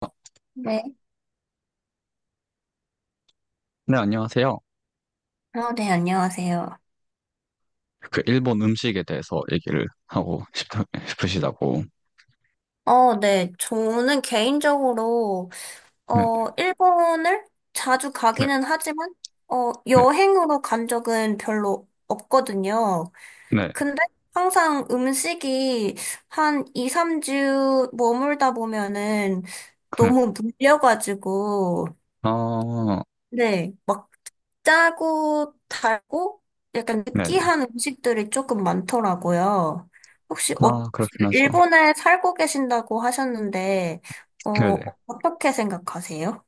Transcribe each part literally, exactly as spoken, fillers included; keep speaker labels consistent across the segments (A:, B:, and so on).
A: 아,
B: 네.
A: 네, 안녕하세요.
B: 아, 네, 안녕하세요.
A: 그 일본 음식에 대해서 얘기를 하고 싶, 싶으시다고.
B: 어, 네. 저는 개인적으로,
A: 네,
B: 어, 일본을 자주
A: 네,
B: 가기는 하지만, 어,
A: 네,
B: 여행으로 간 적은 별로 없거든요.
A: 네, 네.
B: 근데 항상 음식이 한 이, 삼 주 머물다 보면은
A: 그,
B: 너무 물려가지고,
A: 아,
B: 네. 짜고 달고 약간
A: 네, 네.
B: 느끼한 음식들이 조금 많더라고요. 혹시
A: 아,
B: 어,
A: 그렇긴 하죠.
B: 일본에 살고 계신다고 하셨는데,
A: 네, 네.
B: 어, 어떻게 생각하세요?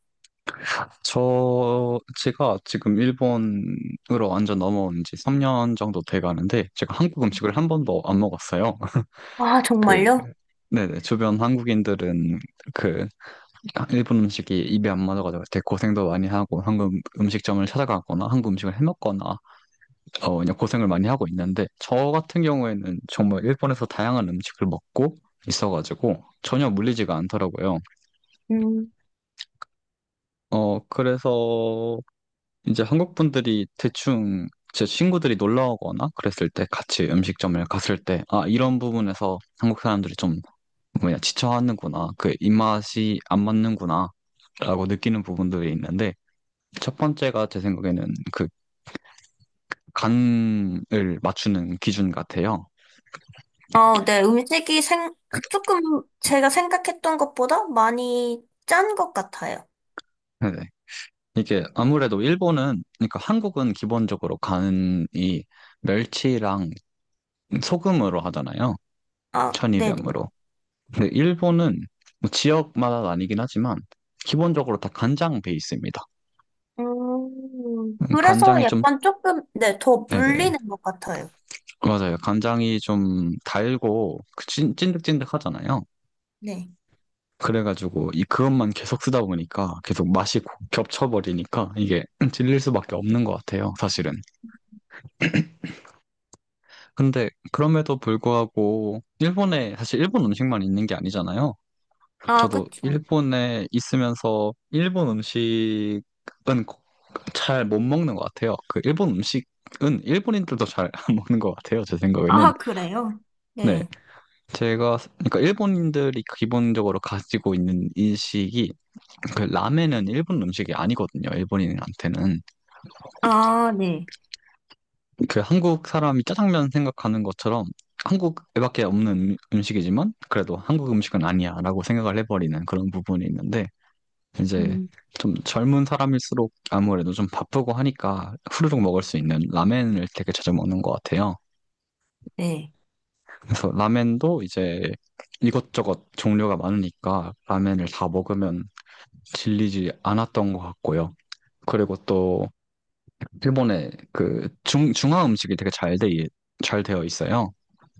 A: 저, 제가 지금 일본으로 완전 넘어온 지 삼 년 정도 돼 가는데, 제가 한국 음식을 한 번도 안 먹었어요.
B: 아,
A: 그,
B: 정말요?
A: 네, 네. 주변 한국인들은 그, 일본 음식이 입에 안 맞아가지고 되게 고생도 많이 하고, 한국 음식점을 찾아가거나, 한국 음식을 해 먹거나, 어, 그냥 고생을 많이 하고 있는데, 저 같은 경우에는 정말 일본에서 다양한 음식을 먹고 있어가지고, 전혀 물리지가 않더라고요.
B: 음.
A: 어, 그래서 이제 한국 분들이 대충 제 친구들이 놀러 오거나 그랬을 때 같이 음식점을 갔을 때, 아, 이런 부분에서 한국 사람들이 좀 뭐냐, 지쳐하는구나. 그 입맛이 안 맞는구나. 라고 느끼는 부분들이 있는데, 첫 번째가 제 생각에는 그 간을 맞추는 기준 같아요.
B: 아, 네, 음식이 생, 조금 제가 생각했던 것보다 많이 짠 것 같아요.
A: 네. 이게 아무래도 일본은, 그러니까 한국은 기본적으로 간이 멸치랑 소금으로 하잖아요.
B: 아, 네네.
A: 천일염으로. 근데 일본은 뭐 지역마다 나뉘긴 하지만 기본적으로 다 간장 베이스입니다.
B: 음,
A: 음,
B: 그래서
A: 간장이 좀,
B: 약간 조금, 네, 더
A: 네네.
B: 물리는 것 같아요.
A: 맞아요. 간장이 좀 달고 그 찐, 득찐득하잖아요.
B: 네.
A: 그래가지고 이 그것만 계속 쓰다 보니까 계속 맛이 고- 겹쳐버리니까 이게 질릴 수밖에 없는 것 같아요. 사실은. 근데 그럼에도 불구하고 일본에 사실 일본 음식만 있는 게 아니잖아요.
B: 아,
A: 저도
B: 그쵸.
A: 일본에 있으면서 일본 음식은 잘 못 먹는 것 같아요. 그 일본 음식은 일본인들도 잘 안 먹는 것 같아요. 제 생각에는.
B: 아, 그래요?
A: 네.
B: 네.
A: 제가 그러니까 일본인들이 기본적으로 가지고 있는 인식이 그 라멘은 일본 음식이 아니거든요. 일본인한테는.
B: 아, 네.
A: 그 한국 사람이 짜장면 생각하는 것처럼 한국에밖에 없는 음- 음식이지만 그래도 한국 음식은 아니야라고 생각을 해버리는 그런 부분이 있는데 이제
B: 음,
A: 좀 젊은 사람일수록 아무래도 좀 바쁘고 하니까 후루룩 먹을 수 있는 라멘을 되게 자주 먹는 것 같아요.
B: 네.
A: 그래서 라멘도 이제 이것저것 종류가 많으니까 라멘을 다 먹으면 질리지 않았던 것 같고요. 그리고 또 일본의 그 중, 중화 음식이 되게 잘 돼, 잘 되어 있어요.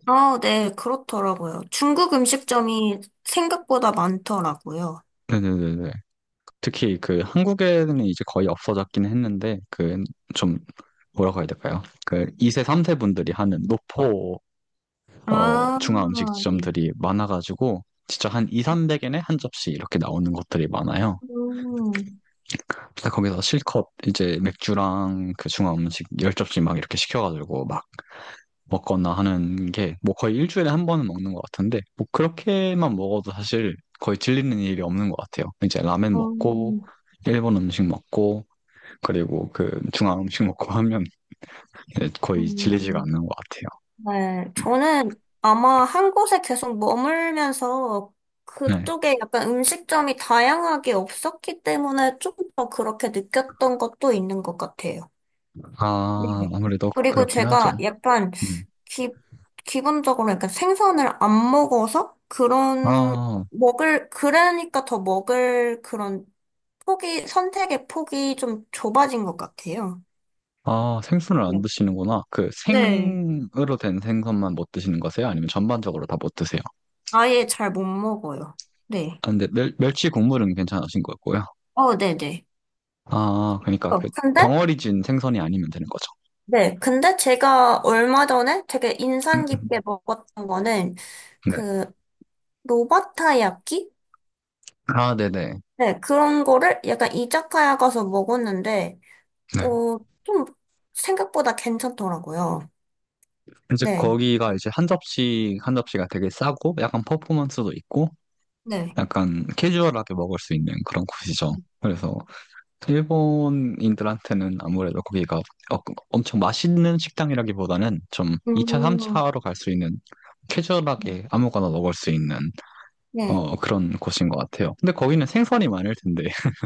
B: 아, 네, 그렇더라고요. 중국 음식점이 생각보다 많더라고요.
A: 네네네. 특히 그 한국에는 이제 거의 없어졌긴 했는데 그 좀 뭐라고 해야 될까요? 그 이 세, 삼 세 분들이 하는 노포 어
B: 아,
A: 중화
B: 네.
A: 음식점들이 많아가지고 진짜 한 이백, 삼백 엔에 한 접시 이렇게 나오는 것들이 많아요.
B: 음,
A: 그래서 거기서 실컷 이제 맥주랑 그 중화 음식 열 접시 막 이렇게 시켜가지고 막 먹거나 하는 게 뭐 거의 일주일에 한 번은 먹는 것 같은데 뭐 그렇게만 먹어도 사실 거의 질리는 일이 없는 것 같아요. 이제 라멘 먹고
B: 음,
A: 일본 음식 먹고 그리고 그 중앙 음식 먹고 하면 이제 거의 질리지가
B: 음.
A: 않는 것
B: 네. 저는 아마 한 곳에 계속 머물면서
A: 같아요. 네.
B: 그쪽에 약간 음식점이 다양하게 없었기 때문에 좀 더 그렇게 느꼈던 것도 있는 것 같아요. 네.
A: 아, 아무래도
B: 그리고
A: 그렇긴 하죠.
B: 제가 약간
A: 네.
B: 기, 기본적으로 약간 생선을 안 먹어서 그런,
A: 아,
B: 먹을, 그러니까 더 먹을 그런 폭이, 선택의 폭이 좀 좁아진 것 같아요.
A: 아, 생선을 안
B: 네.
A: 드시는구나. 그
B: 네.
A: 생으로 된 생선만 못 드시는 거세요? 아니면 전반적으로 다 못 드세요?
B: 아예 잘 못 먹어요. 네.
A: 아, 근데 멸, 멸치 국물은 괜찮으신 거고요.
B: 어, 네네.
A: 아, 그러니까 그
B: 어, 근데?
A: 덩어리 진 생선이 아니면 되는 거죠.
B: 네. 근데 제가 얼마 전에 되게
A: 음,
B: 인상
A: 음.
B: 깊게 먹었던 거는
A: 네.
B: 그 로바타야끼?
A: 아, 네네.
B: 네. 그런 거를 약간 이자카야 가서 먹었는데 어,
A: 네.
B: 좀 생각보다 괜찮더라고요.
A: 이제
B: 네.
A: 거기가 이제 한 접시, 한 접시가 되게 싸고 약간 퍼포먼스도 있고
B: 네.
A: 약간 캐주얼하게 먹을 수 있는 그런 곳이죠. 그래서 일본인들한테는 아무래도 거기가 어- 엄청 맛있는 식당이라기보다는 좀 이 차,
B: 음,
A: 삼 차로 갈 수 있는 캐주얼하게 아무거나 먹을 수 있는
B: 네.
A: 어, 그런 곳인 것 같아요. 근데 거기는 생선이 많을 텐데.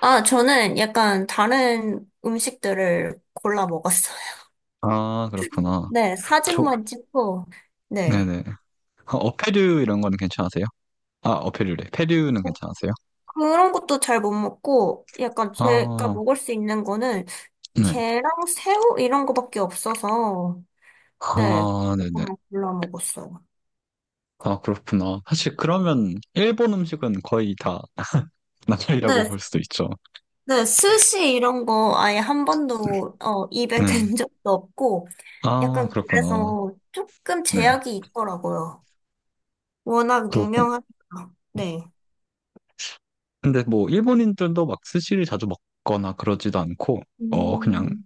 B: 아, 저는 약간 다른 음식들을 골라 먹었어요.
A: 아, 그렇구나.
B: 네,
A: 저,
B: 사진만 찍고, 네.
A: 네네. 어, 어패류 이런 거는 괜찮으세요? 아, 어패류래. 패류는
B: 뭐
A: 괜찮으세요?
B: 그런 것도 잘 못 먹고, 약간 제가
A: 아,
B: 먹을 수 있는 거는
A: 네.
B: 게랑 새우 이런 거밖에 없어서, 네.
A: 아, 네네.
B: 그것만 골라 먹었어요.
A: 아, 그렇구나. 사실 그러면 일본 음식은 거의 다 나날이라고
B: 네,
A: 볼 수도 있죠.
B: 네, 스시 이런 거 아예 한 번도 어, 입에
A: 네.
B: 댄 적도 없고,
A: 아,
B: 약간
A: 그렇구나.
B: 그래서 조금
A: 네.
B: 제약이 있더라고요. 워낙
A: 그렇군.
B: 유명하니까. 네.
A: 근데 뭐, 일본인들도 막 스시를 자주 먹거나 그러지도 않고, 어, 그냥
B: 음,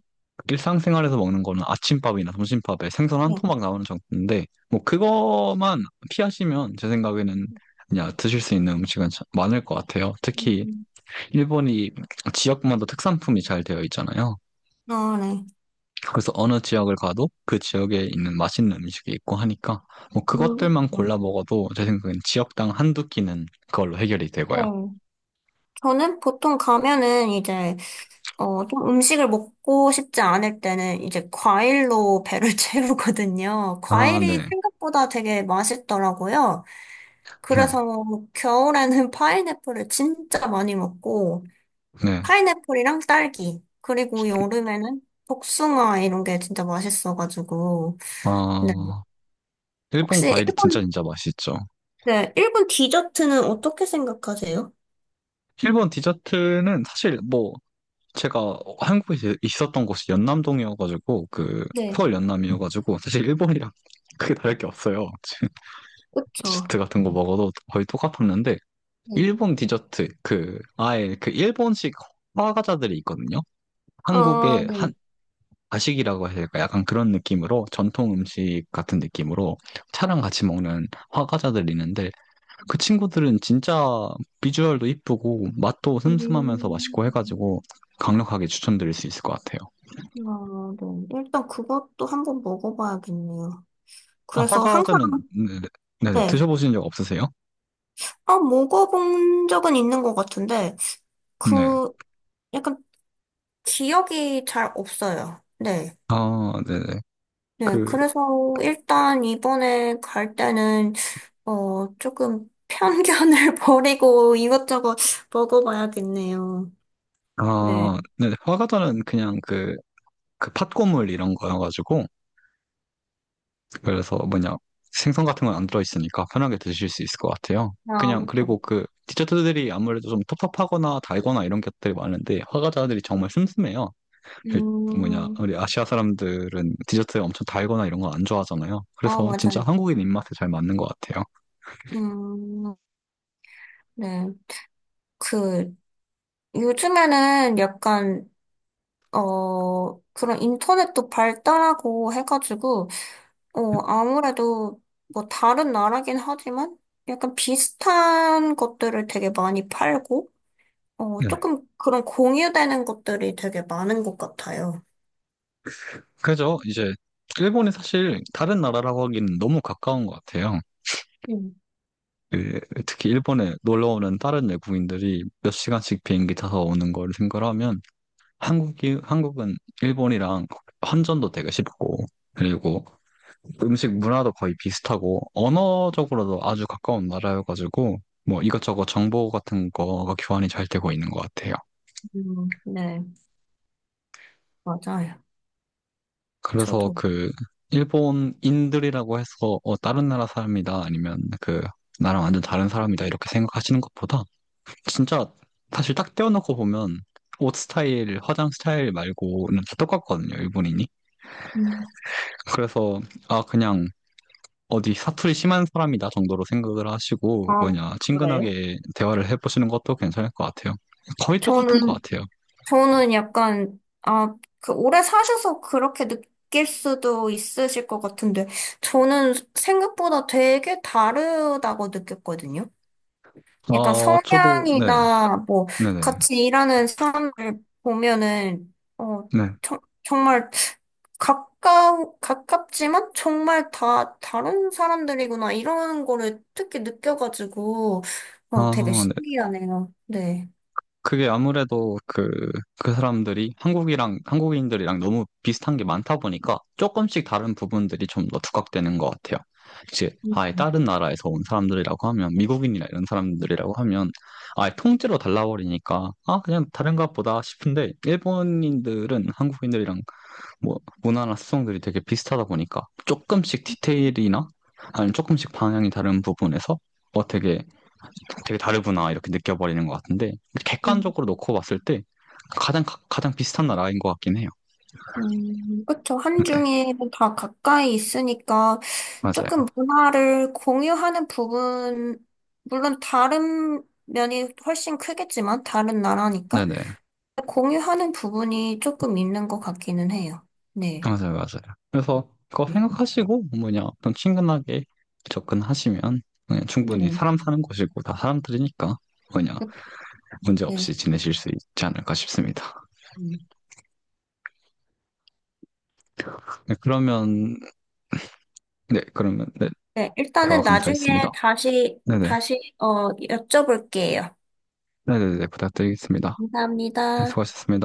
A: 일상생활에서 먹는 거는 아침밥이나 점심밥에 생선 한
B: 네.
A: 토막 나오는 정도인데, 뭐, 그거만 피하시면 제 생각에는 그냥 드실 수 있는 음식은 참 많을 것 같아요. 특히,
B: 음,
A: 일본이 지역마다 특산품이 잘 되어 있잖아요.
B: 아, 네.
A: 그래서 어느 지역을 가도 그 지역에 있는 맛있는 음식이 있고 하니까 뭐
B: 음, 그쵸.
A: 그것들만 골라 먹어도 제 생각엔 지역당 한두 끼는 그걸로 해결이 되고요.
B: 네. 저는 보통 가면은 이제, 어, 좀 음식을 먹고 싶지 않을 때는 이제 과일로 배를 채우거든요.
A: 아,
B: 과일이
A: 네.
B: 생각보다 되게 맛있더라고요.
A: 네.
B: 그래서 겨울에는 파인애플을 진짜 많이 먹고,
A: 네.
B: 파인애플이랑 딸기, 그리고 여름에는 복숭아 이런 게 진짜 맛있어가지고. 네.
A: 아, 일본
B: 혹시
A: 과일이 진짜
B: 일본,
A: 진짜 맛있죠.
B: 네, 일본 디저트는 어떻게 생각하세요?
A: 일본 디저트는 사실 뭐 제가 한국에 있었던 곳이 연남동이어가지고 그
B: 네,
A: 서울 연남이어가지고 사실 일본이랑 크게 다를 게 없어요.
B: 그쵸.
A: 디저트 같은 거 먹어도 거의 똑같았는데
B: 네.
A: 일본 디저트 그 아예 그 일본식 화과자들이 있거든요.
B: 아,
A: 한국의 한
B: 네.
A: 가식이라고 해야 될까? 약간 그런 느낌으로 전통 음식 같은 느낌으로 차랑 같이 먹는 화과자들이 있는데 그 친구들은 진짜 비주얼도 이쁘고 맛도 슴슴하면서
B: 음,
A: 맛있고 해가지고 강력하게 추천드릴 수 있을 것 같아요.
B: 아, 네. 일단 그것도 한번 먹어봐야겠네요.
A: 아,
B: 그래서 항상,
A: 화과자는 네, 네, 네, 네.
B: 네.
A: 드셔보신 적 없으세요?
B: 아, 먹어본 적은 있는 것 같은데,
A: 네.
B: 그, 약간 기억이 잘 없어요. 네.
A: 아, 네네.
B: 네.
A: 그,
B: 그래서 일단 이번에 갈 때는, 어, 조금 편견을 버리고 이것저것 먹어봐야겠네요. 네.
A: 아, 네. 화과자는 그냥 그, 그 팥고물 이런 거여가지고, 그래서 뭐냐 생선 같은 건 안 들어있으니까 편하게 드실 수 있을 것 같아요.
B: 아,
A: 그냥.
B: 그렇죠.
A: 그리고 그 디저트들이 아무래도 좀 텁텁하거나 달거나 이런 것들이 많은데 화과자들이 정말 슴슴해요. 그 뭐냐
B: 음,
A: 우리 아시아 사람들은 디저트 엄청 달거나 이런 거 안 좋아하잖아요.
B: 아,
A: 그래서 진짜
B: 맞아요.
A: 한국인 입맛에 잘 맞는 것 같아요.
B: 음, 네. 그, 요즘에는 약간, 어, 그런 인터넷도 발달하고 해가지고, 어, 아무래도 뭐 다른 나라긴 하지만 약간 비슷한 것들을 되게 많이 팔고, 어,
A: 네.
B: 조금 그런 공유되는 것들이 되게 많은 것 같아요.
A: 그래 이제 일본이 사실 다른 나라라고 하기는 너무 가까운 것 같아요.
B: 음,
A: 그 특히 일본에 놀러 오는 다른 외국인들이 몇 시간씩 비행기 타서 오는 걸 생각하면 한국이, 한국은 일본이랑 환전도 되게 쉽고, 그리고 음식 문화도 거의 비슷하고, 언어적으로도 아주 가까운 나라여가지고, 뭐 이것저것 정보 같은 거가 교환이 잘 되고 있는 것 같아요.
B: 음, 네, 맞아요.
A: 그래서
B: 저도.
A: 그, 일본인들이라고 해서, 어, 다른 나라 사람이다, 아니면 그, 나랑 완전 다른 사람이다, 이렇게 생각하시는 것보다, 진짜, 사실 딱 떼어놓고 보면, 옷 스타일, 화장 스타일 말고는 다 똑같거든요, 일본인이.
B: 음.
A: 그래서, 아, 그냥, 어디 사투리 심한 사람이다 정도로 생각을 하시고
B: 아,
A: 뭐냐
B: 그래요?
A: 친근하게 대화를 해보시는 것도 괜찮을 것 같아요. 거의 똑같은 것
B: 저는,
A: 같아요.
B: 저는 약간, 아, 그 오래 사셔서 그렇게 느낄 수도 있으실 것 같은데, 저는 생각보다 되게 다르다고 느꼈거든요. 약간
A: 아 저도 네,
B: 성향이나 뭐
A: 네네,
B: 같이 일하는 사람을 보면은 어
A: 네.
B: 정, 정말 가까우 가깝지만 정말 다 다른 사람들이구나 이런 거를 특히 느껴가지고 어 되게
A: 아, 네.
B: 신기하네요. 네.
A: 그게 아무래도 그, 그 사람들이 한국이랑, 한국인들이랑 너무 비슷한 게 많다 보니까 조금씩 다른 부분들이 좀 더 두각되는 것 같아요. 이제 아예
B: 음.
A: 다른 나라에서 온 사람들이라고 하면, 미국인이나 이런 사람들이라고 하면 아예 통째로 달라버리니까 아, 그냥 다른 것 보다 싶은데 일본인들은 한국인들이랑 뭐 문화나 습성들이 되게 비슷하다 보니까 조금씩 디테일이나 아니면 조금씩 방향이 다른 부분에서 뭐 되게 되게 다르구나 이렇게 느껴버리는 것 같은데
B: 음,
A: 객관적으로 놓고 봤을 때 가장 가, 가장 비슷한 나라인 것 같긴 해요.
B: 음, 그쵸.
A: 네,
B: 한중이 다 가까이 있으니까 조금
A: 맞아요.
B: 문화를 공유하는 부분, 물론 다른 면이 훨씬 크겠지만, 다른 나라니까.
A: 네네,
B: 공유하는 부분이 조금 있는 것 같기는 해요. 네.
A: 맞아요, 맞아요. 그래서 그거
B: 네.
A: 생각하시고 뭐냐 좀 친근하게 접근하시면 그냥 충분히
B: 네.
A: 사람 사는 곳이고 다 사람들이니까 뭐냐 문제
B: 네.
A: 없이 지내실 수 있지 않을까 싶습니다.
B: 음.
A: 네, 그러면 네, 그러면 네,
B: 네,
A: 대화
B: 일단은
A: 감사했습니다.
B: 나중에 다시,
A: 네네,
B: 다시, 어, 여쭤볼게요.
A: 네네네 부탁드리겠습니다. 네,
B: 감사합니다.
A: 수고하셨습니다.